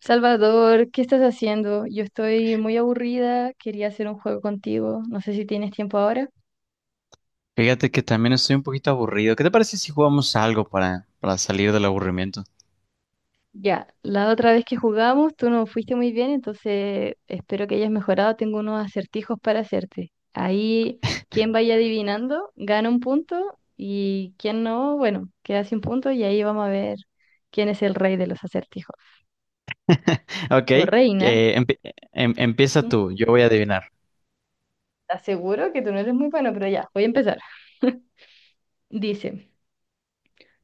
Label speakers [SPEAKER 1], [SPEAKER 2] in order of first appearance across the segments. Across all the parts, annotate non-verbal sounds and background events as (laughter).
[SPEAKER 1] Salvador, ¿qué estás haciendo? Yo estoy muy aburrida, quería hacer un juego contigo, no sé si tienes tiempo ahora.
[SPEAKER 2] Fíjate que también estoy un poquito aburrido. ¿Qué te parece si jugamos algo para salir del aburrimiento?
[SPEAKER 1] Ya, la otra vez que jugamos tú no fuiste muy bien, entonces espero que hayas mejorado, tengo unos acertijos para hacerte. Ahí, quien vaya adivinando, gana un punto y quien no, bueno, queda sin punto y ahí vamos a ver quién es el rey de los acertijos.
[SPEAKER 2] Ok,
[SPEAKER 1] O reina,
[SPEAKER 2] empie- empieza tú,
[SPEAKER 1] (laughs)
[SPEAKER 2] yo voy a adivinar.
[SPEAKER 1] ¿estás seguro que tú no eres muy bueno? Pero ya, voy a empezar. Dice.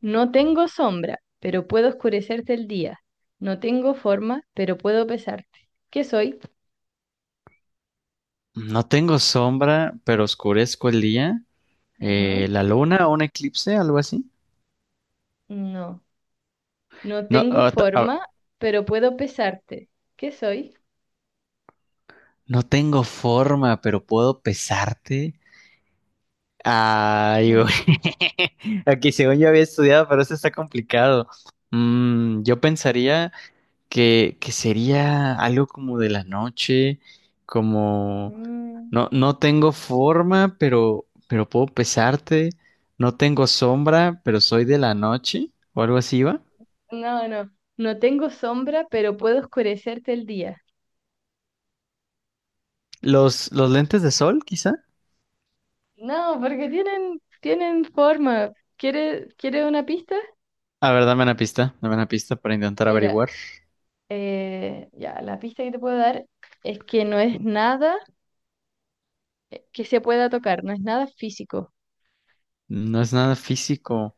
[SPEAKER 1] No tengo sombra, pero puedo oscurecerte el día. No tengo forma, pero puedo pesarte. ¿Qué soy?
[SPEAKER 2] No tengo sombra, pero oscurezco el día.
[SPEAKER 1] Ujú.
[SPEAKER 2] ¿La luna o un eclipse, algo así?
[SPEAKER 1] No. No
[SPEAKER 2] No,
[SPEAKER 1] tengo forma, pero puedo pesarte. ¿Qué soy?
[SPEAKER 2] no tengo forma, pero puedo pesarte. Ay, güey.
[SPEAKER 1] Mm.
[SPEAKER 2] (laughs) Aquí según yo había estudiado, pero eso está complicado. Mm, yo pensaría que sería algo como de la noche, como
[SPEAKER 1] Mm.
[SPEAKER 2] no tengo forma, pero puedo pesarte, no tengo sombra, pero soy de la noche, o algo así va.
[SPEAKER 1] No, no. No tengo sombra, pero puedo oscurecerte el día.
[SPEAKER 2] Los lentes de sol, quizá.
[SPEAKER 1] No, porque tienen forma. ¿Quieres una pista?
[SPEAKER 2] A ver, dame una pista para intentar
[SPEAKER 1] Mira,
[SPEAKER 2] averiguar.
[SPEAKER 1] ya, la pista que te puedo dar es que no es nada que se pueda tocar, no es nada físico.
[SPEAKER 2] No es nada físico.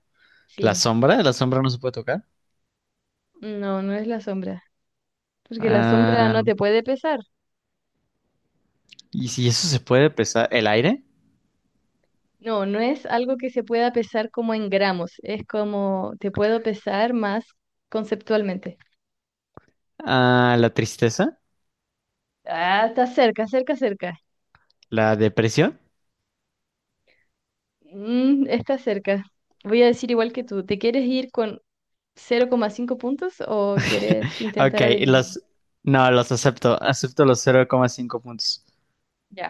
[SPEAKER 2] La
[SPEAKER 1] Sí,
[SPEAKER 2] sombra, la sombra no se puede tocar.
[SPEAKER 1] no, no es la sombra, porque la sombra
[SPEAKER 2] Ah,
[SPEAKER 1] no te puede pesar.
[SPEAKER 2] y si eso se puede pesar, el aire.
[SPEAKER 1] No, no es algo que se pueda pesar como en gramos, es como te puedo pesar más conceptualmente.
[SPEAKER 2] Ah, la tristeza,
[SPEAKER 1] Ah, está cerca, cerca, cerca.
[SPEAKER 2] la depresión.
[SPEAKER 1] Mm, está cerca. Voy a decir igual que tú, ¿te quieres ir con 0,5 puntos o quieres
[SPEAKER 2] (laughs) Ok,
[SPEAKER 1] intentar adivinarlo?
[SPEAKER 2] los... No, los acepto. Acepto los 0,5 puntos.
[SPEAKER 1] Ya.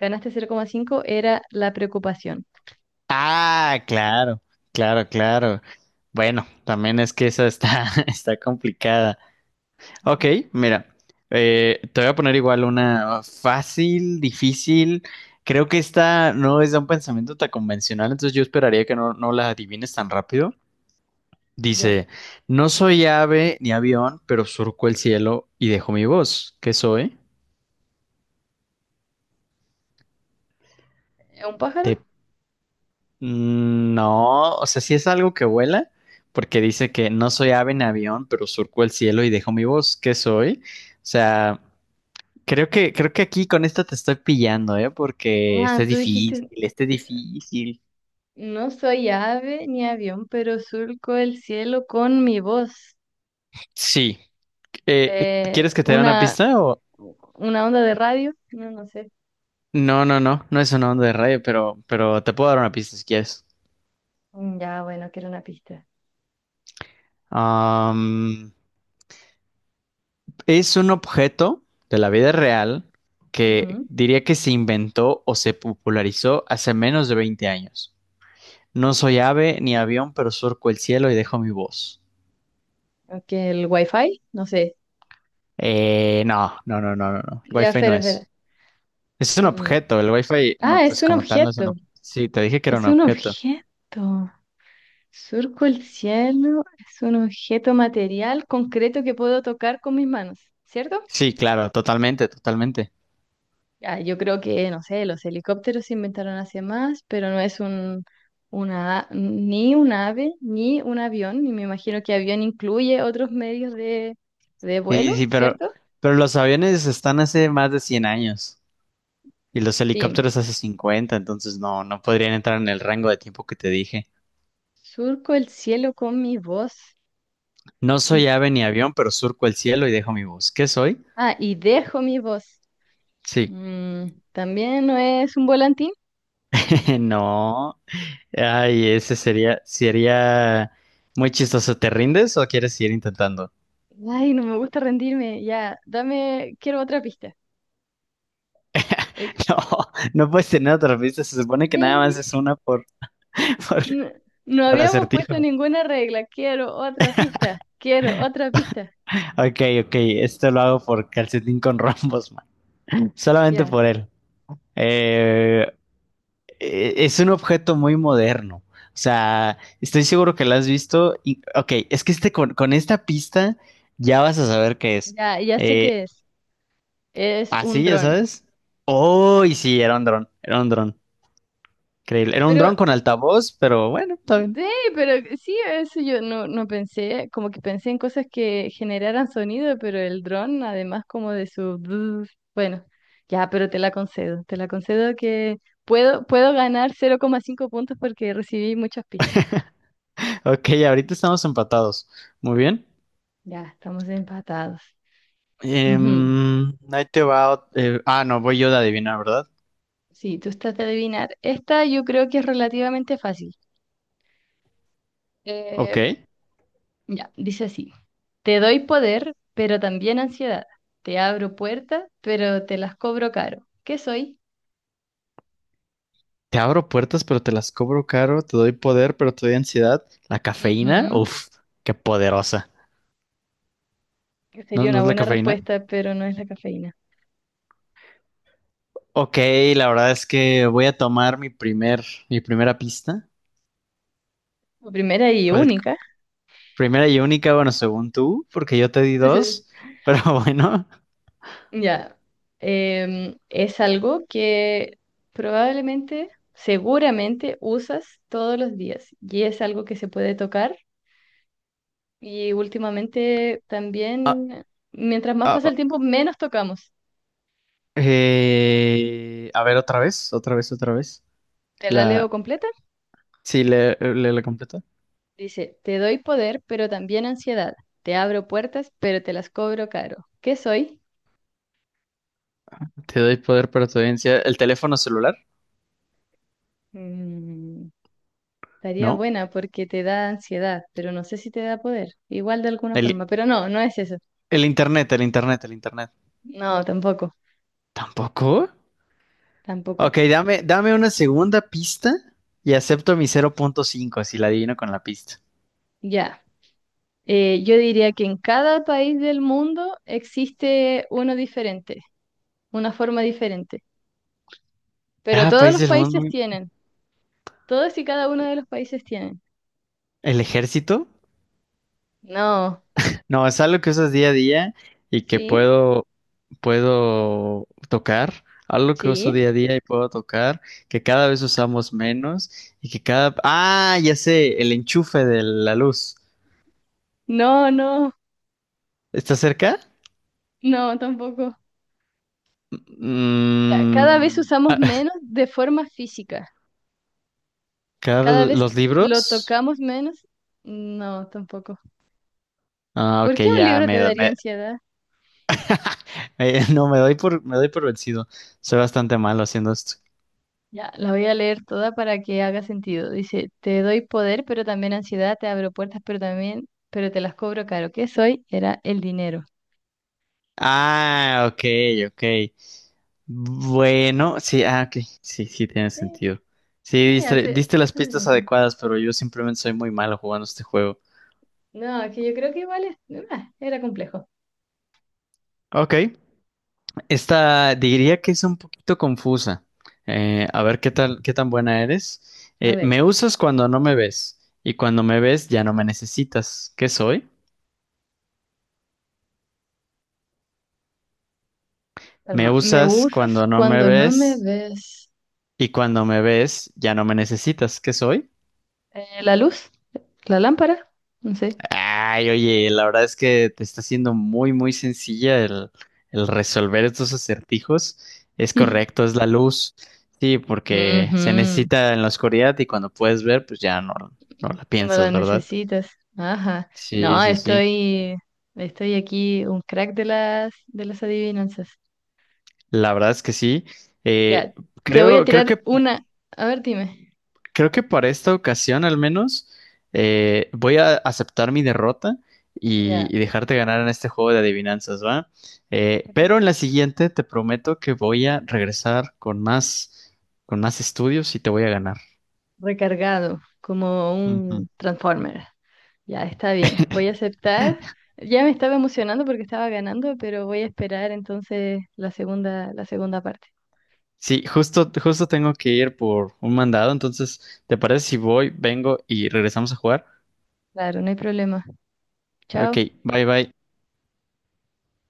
[SPEAKER 1] Ganaste 0,5. Era la preocupación.
[SPEAKER 2] Ah, claro, claro, claro. Bueno, también es que esa está, (laughs) está complicada. Ok,
[SPEAKER 1] Ujú.
[SPEAKER 2] mira, te voy a poner igual una fácil, difícil. Creo que esta no es de un pensamiento tan convencional, entonces yo esperaría que no la adivines tan rápido.
[SPEAKER 1] Ya.
[SPEAKER 2] Dice, no soy ave ni avión, pero surco el cielo y dejo mi voz. ¿Qué soy?
[SPEAKER 1] ¿Es ¿un
[SPEAKER 2] Te
[SPEAKER 1] pájaro?
[SPEAKER 2] Mm, no, o sea, sí es algo que vuela, porque dice que no soy ave en avión, pero surco el cielo y dejo mi voz. ¿Qué soy? O sea, creo que aquí con esta te estoy pillando, ¿eh? Porque
[SPEAKER 1] Ah,
[SPEAKER 2] está
[SPEAKER 1] tú
[SPEAKER 2] difícil,
[SPEAKER 1] dijiste
[SPEAKER 2] está difícil.
[SPEAKER 1] no soy ave ni avión, pero surco el cielo con mi voz.
[SPEAKER 2] Sí.
[SPEAKER 1] Eh,
[SPEAKER 2] ¿Quieres que te dé una
[SPEAKER 1] una,
[SPEAKER 2] pista o...?
[SPEAKER 1] una onda de radio, no, no sé.
[SPEAKER 2] No, no, no, no es una onda de radio, pero te puedo dar una pista si quieres.
[SPEAKER 1] Mm, ya, bueno, quiero una pista.
[SPEAKER 2] Am, Es un objeto de la vida real que
[SPEAKER 1] Ujú.
[SPEAKER 2] diría que se inventó o se popularizó hace menos de 20 años. No soy ave ni avión, pero surco el cielo y dejo mi voz.
[SPEAKER 1] Ok, el wifi, no sé.
[SPEAKER 2] No, no, no, no, no, no. El
[SPEAKER 1] Ya,
[SPEAKER 2] Wi-Fi no
[SPEAKER 1] espera, espera.
[SPEAKER 2] es. Es un
[SPEAKER 1] Mm.
[SPEAKER 2] objeto. El Wi-Fi, no,
[SPEAKER 1] Ah, es
[SPEAKER 2] pues
[SPEAKER 1] un
[SPEAKER 2] como tal no es un
[SPEAKER 1] objeto,
[SPEAKER 2] objeto. Sí, te dije que era un
[SPEAKER 1] es un
[SPEAKER 2] objeto.
[SPEAKER 1] objeto. Surco el cielo, es un objeto material concreto que puedo tocar con mis manos, ¿cierto?
[SPEAKER 2] Sí, claro, totalmente, totalmente.
[SPEAKER 1] Ah, yo creo que, no sé, los helicópteros se inventaron hace más, pero no es un, una, ni un ave, ni un avión, y me imagino que avión incluye otros medios de
[SPEAKER 2] Sí,
[SPEAKER 1] vuelo,
[SPEAKER 2] sí,
[SPEAKER 1] ¿cierto?
[SPEAKER 2] pero los aviones están hace más de 100 años y los
[SPEAKER 1] Sí.
[SPEAKER 2] helicópteros hace 50, entonces no, no podrían entrar en el rango de tiempo que te dije.
[SPEAKER 1] Surco el cielo con mi voz
[SPEAKER 2] No soy
[SPEAKER 1] y,
[SPEAKER 2] ave ni avión, pero surco el cielo y dejo mi voz. ¿Qué soy?
[SPEAKER 1] ah, y dejo mi voz.
[SPEAKER 2] Sí.
[SPEAKER 1] Mm, ¿también no es un volantín?
[SPEAKER 2] (laughs) No. Ay, ese sería, sería muy chistoso. ¿Te rindes o quieres seguir intentando?
[SPEAKER 1] Ay, no me gusta rendirme, ya, dame, quiero otra pista. Eh,
[SPEAKER 2] (laughs) No, no puedes tener otra pista. Se supone que nada más
[SPEAKER 1] Sí,
[SPEAKER 2] es una (laughs) por,
[SPEAKER 1] no, no
[SPEAKER 2] por
[SPEAKER 1] habíamos puesto
[SPEAKER 2] acertijo.
[SPEAKER 1] ninguna regla. Quiero otra pista. Quiero otra pista.
[SPEAKER 2] Ok, ok. Esto lo hago por calcetín con rombos, man. Solamente
[SPEAKER 1] Ya,
[SPEAKER 2] por él. Eh, es un objeto muy moderno. O sea, estoy seguro que lo has visto. Y, ok, es que este, con esta pista ya vas a saber qué es.
[SPEAKER 1] ya, ya sé
[SPEAKER 2] Eh,
[SPEAKER 1] qué es. Es un
[SPEAKER 2] Así, ya
[SPEAKER 1] dron.
[SPEAKER 2] sabes. Oh, y sí, era un dron, era un dron. Increíble. Era un dron
[SPEAKER 1] Pero,
[SPEAKER 2] con altavoz, pero bueno, está
[SPEAKER 1] sí,
[SPEAKER 2] bien.
[SPEAKER 1] pero sí, eso yo no, no pensé. Como que pensé en cosas que generaran sonido, pero el dron, además, como de su. Brr, bueno, ya, pero te la concedo. Te la concedo que puedo ganar 0,5 puntos porque recibí muchas pistas.
[SPEAKER 2] Ok, ahorita estamos empatados. Muy bien.
[SPEAKER 1] Ya, estamos empatados. Ujú.
[SPEAKER 2] Em, ahí te va. No, voy yo de adivinar, ¿verdad?
[SPEAKER 1] Sí, tú estás de adivinar. Esta yo creo que es relativamente fácil. Eh,
[SPEAKER 2] Ok.
[SPEAKER 1] ya, dice así. Te doy poder, pero también ansiedad. Te abro puertas, pero te las cobro caro. ¿Qué soy?
[SPEAKER 2] Te abro puertas, pero te las cobro caro, te doy poder, pero te doy ansiedad. La cafeína,
[SPEAKER 1] Ujú,
[SPEAKER 2] uff, qué poderosa.
[SPEAKER 1] que
[SPEAKER 2] ¿No,
[SPEAKER 1] sería
[SPEAKER 2] no
[SPEAKER 1] una
[SPEAKER 2] es la
[SPEAKER 1] buena
[SPEAKER 2] cafeína?
[SPEAKER 1] respuesta, pero no es la cafeína.
[SPEAKER 2] Ok, la verdad es que voy a tomar mi primera pista.
[SPEAKER 1] La primera y
[SPEAKER 2] ¿Cuál-
[SPEAKER 1] única.
[SPEAKER 2] Primera y
[SPEAKER 1] (laughs)
[SPEAKER 2] única, bueno, según tú, porque yo te di dos, pero (laughs) bueno.
[SPEAKER 1] Ya. Em, es algo que probablemente, seguramente usas todos los días y es algo que se puede tocar y últimamente
[SPEAKER 2] Ah,
[SPEAKER 1] también, mientras más
[SPEAKER 2] ah,
[SPEAKER 1] pasa el
[SPEAKER 2] ah,
[SPEAKER 1] tiempo, menos tocamos.
[SPEAKER 2] a ver, otra vez, otra vez, otra vez.
[SPEAKER 1] ¿Te la leo
[SPEAKER 2] La,
[SPEAKER 1] completa?
[SPEAKER 2] sí, la completa.
[SPEAKER 1] Dice, te doy poder, pero también ansiedad. Te abro puertas, pero te las cobro caro. ¿Qué soy?
[SPEAKER 2] Te doy poder, pero te doy ansiedad. ¿El teléfono celular?
[SPEAKER 1] Mm, estaría
[SPEAKER 2] No.
[SPEAKER 1] buena porque te da ansiedad, pero no sé si te da poder. Igual de alguna forma,
[SPEAKER 2] El,
[SPEAKER 1] pero no, no es eso.
[SPEAKER 2] el internet, el internet, el internet.
[SPEAKER 1] No, tampoco,
[SPEAKER 2] ¿Tampoco?
[SPEAKER 1] tampoco.
[SPEAKER 2] Ok, dame, dame una segunda pista y acepto mi 0.5 si la adivino con la pista.
[SPEAKER 1] Ya. Yo diría que en cada país del mundo existe uno diferente, una forma diferente. Pero
[SPEAKER 2] Cada
[SPEAKER 1] todos
[SPEAKER 2] país
[SPEAKER 1] los
[SPEAKER 2] del mundo,
[SPEAKER 1] países tienen. Todos y cada uno de los países tienen.
[SPEAKER 2] el ejército.
[SPEAKER 1] No,
[SPEAKER 2] No, es algo que usas día a día y que
[SPEAKER 1] sí,
[SPEAKER 2] puedo tocar. Algo que uso
[SPEAKER 1] sí.
[SPEAKER 2] día a día y puedo tocar, que cada vez usamos menos y que cada... Ah, ya sé, el enchufe de la luz.
[SPEAKER 1] No, no,
[SPEAKER 2] ¿Está cerca?
[SPEAKER 1] no, tampoco. Mira, cada vez
[SPEAKER 2] Mm,
[SPEAKER 1] usamos menos de forma física.
[SPEAKER 2] cada vez
[SPEAKER 1] Cada vez
[SPEAKER 2] los
[SPEAKER 1] lo
[SPEAKER 2] libros.
[SPEAKER 1] tocamos menos. No, tampoco.
[SPEAKER 2] Ah,
[SPEAKER 1] ¿Por
[SPEAKER 2] ok,
[SPEAKER 1] qué un libro te daría ansiedad?
[SPEAKER 2] (laughs) No, me doy por vencido. Soy bastante malo haciendo esto.
[SPEAKER 1] Ya, la voy a leer toda para que haga sentido. Dice, te doy poder, pero también ansiedad, te abro puertas, pero también, pero te las cobro caro. ¿Qué soy? Era el dinero.
[SPEAKER 2] Ah, ok, ok. Bueno, sí, ah, ok. Sí, sí, tiene
[SPEAKER 1] Sí,
[SPEAKER 2] sentido. Sí,
[SPEAKER 1] sí,
[SPEAKER 2] diste,
[SPEAKER 1] hace,
[SPEAKER 2] diste las
[SPEAKER 1] hace
[SPEAKER 2] pistas
[SPEAKER 1] sentido.
[SPEAKER 2] adecuadas, pero yo simplemente soy muy malo jugando este juego.
[SPEAKER 1] No, es que yo creo que igual es- ah, era complejo.
[SPEAKER 2] Ok. Esta diría que es un poquito confusa. A ver qué tal, qué tan buena eres.
[SPEAKER 1] A ver.
[SPEAKER 2] Me usas cuando no me ves y cuando me ves ya no me necesitas. ¿Qué soy? Me
[SPEAKER 1] Calma. ¿Me
[SPEAKER 2] usas
[SPEAKER 1] usas
[SPEAKER 2] cuando no me
[SPEAKER 1] cuando no me
[SPEAKER 2] ves
[SPEAKER 1] ves?
[SPEAKER 2] y cuando me ves, ya no me necesitas. ¿Qué soy?
[SPEAKER 1] ¿La luz? ¿La lámpara? No sé.
[SPEAKER 2] Ay, oye, la verdad es que te está siendo muy, muy sencilla el resolver estos acertijos. Es
[SPEAKER 1] (laughs)
[SPEAKER 2] correcto, es la luz. Sí, porque se
[SPEAKER 1] Ujú, no
[SPEAKER 2] necesita en la oscuridad y cuando puedes ver, pues ya no, no la
[SPEAKER 1] la
[SPEAKER 2] piensas, ¿verdad?
[SPEAKER 1] necesitas. Ajá.
[SPEAKER 2] Sí,
[SPEAKER 1] No,
[SPEAKER 2] sí, sí.
[SPEAKER 1] estoy aquí un crack de las adivinanzas.
[SPEAKER 2] La verdad es que sí.
[SPEAKER 1] Ya,
[SPEAKER 2] Eh,
[SPEAKER 1] te voy a
[SPEAKER 2] Creo
[SPEAKER 1] tirar
[SPEAKER 2] que
[SPEAKER 1] una. A ver, dime.
[SPEAKER 2] Creo que para esta ocasión al menos voy a aceptar mi derrota
[SPEAKER 1] Ya.
[SPEAKER 2] y dejarte ganar en este juego de adivinanzas, ¿va? Pero en la siguiente te prometo que voy a regresar con más estudios y te voy a ganar.
[SPEAKER 1] Recargado, como
[SPEAKER 2] Ujú.
[SPEAKER 1] un Transformer. Ya, está bien. Voy a aceptar. Ya me estaba emocionando porque estaba ganando, pero voy a esperar entonces la segunda parte.
[SPEAKER 2] Sí, justo, justo tengo que ir por un mandado, entonces, ¿te parece si voy, vengo y regresamos a jugar?
[SPEAKER 1] Claro, no hay problema.
[SPEAKER 2] Ok,
[SPEAKER 1] Chao.
[SPEAKER 2] bye bye.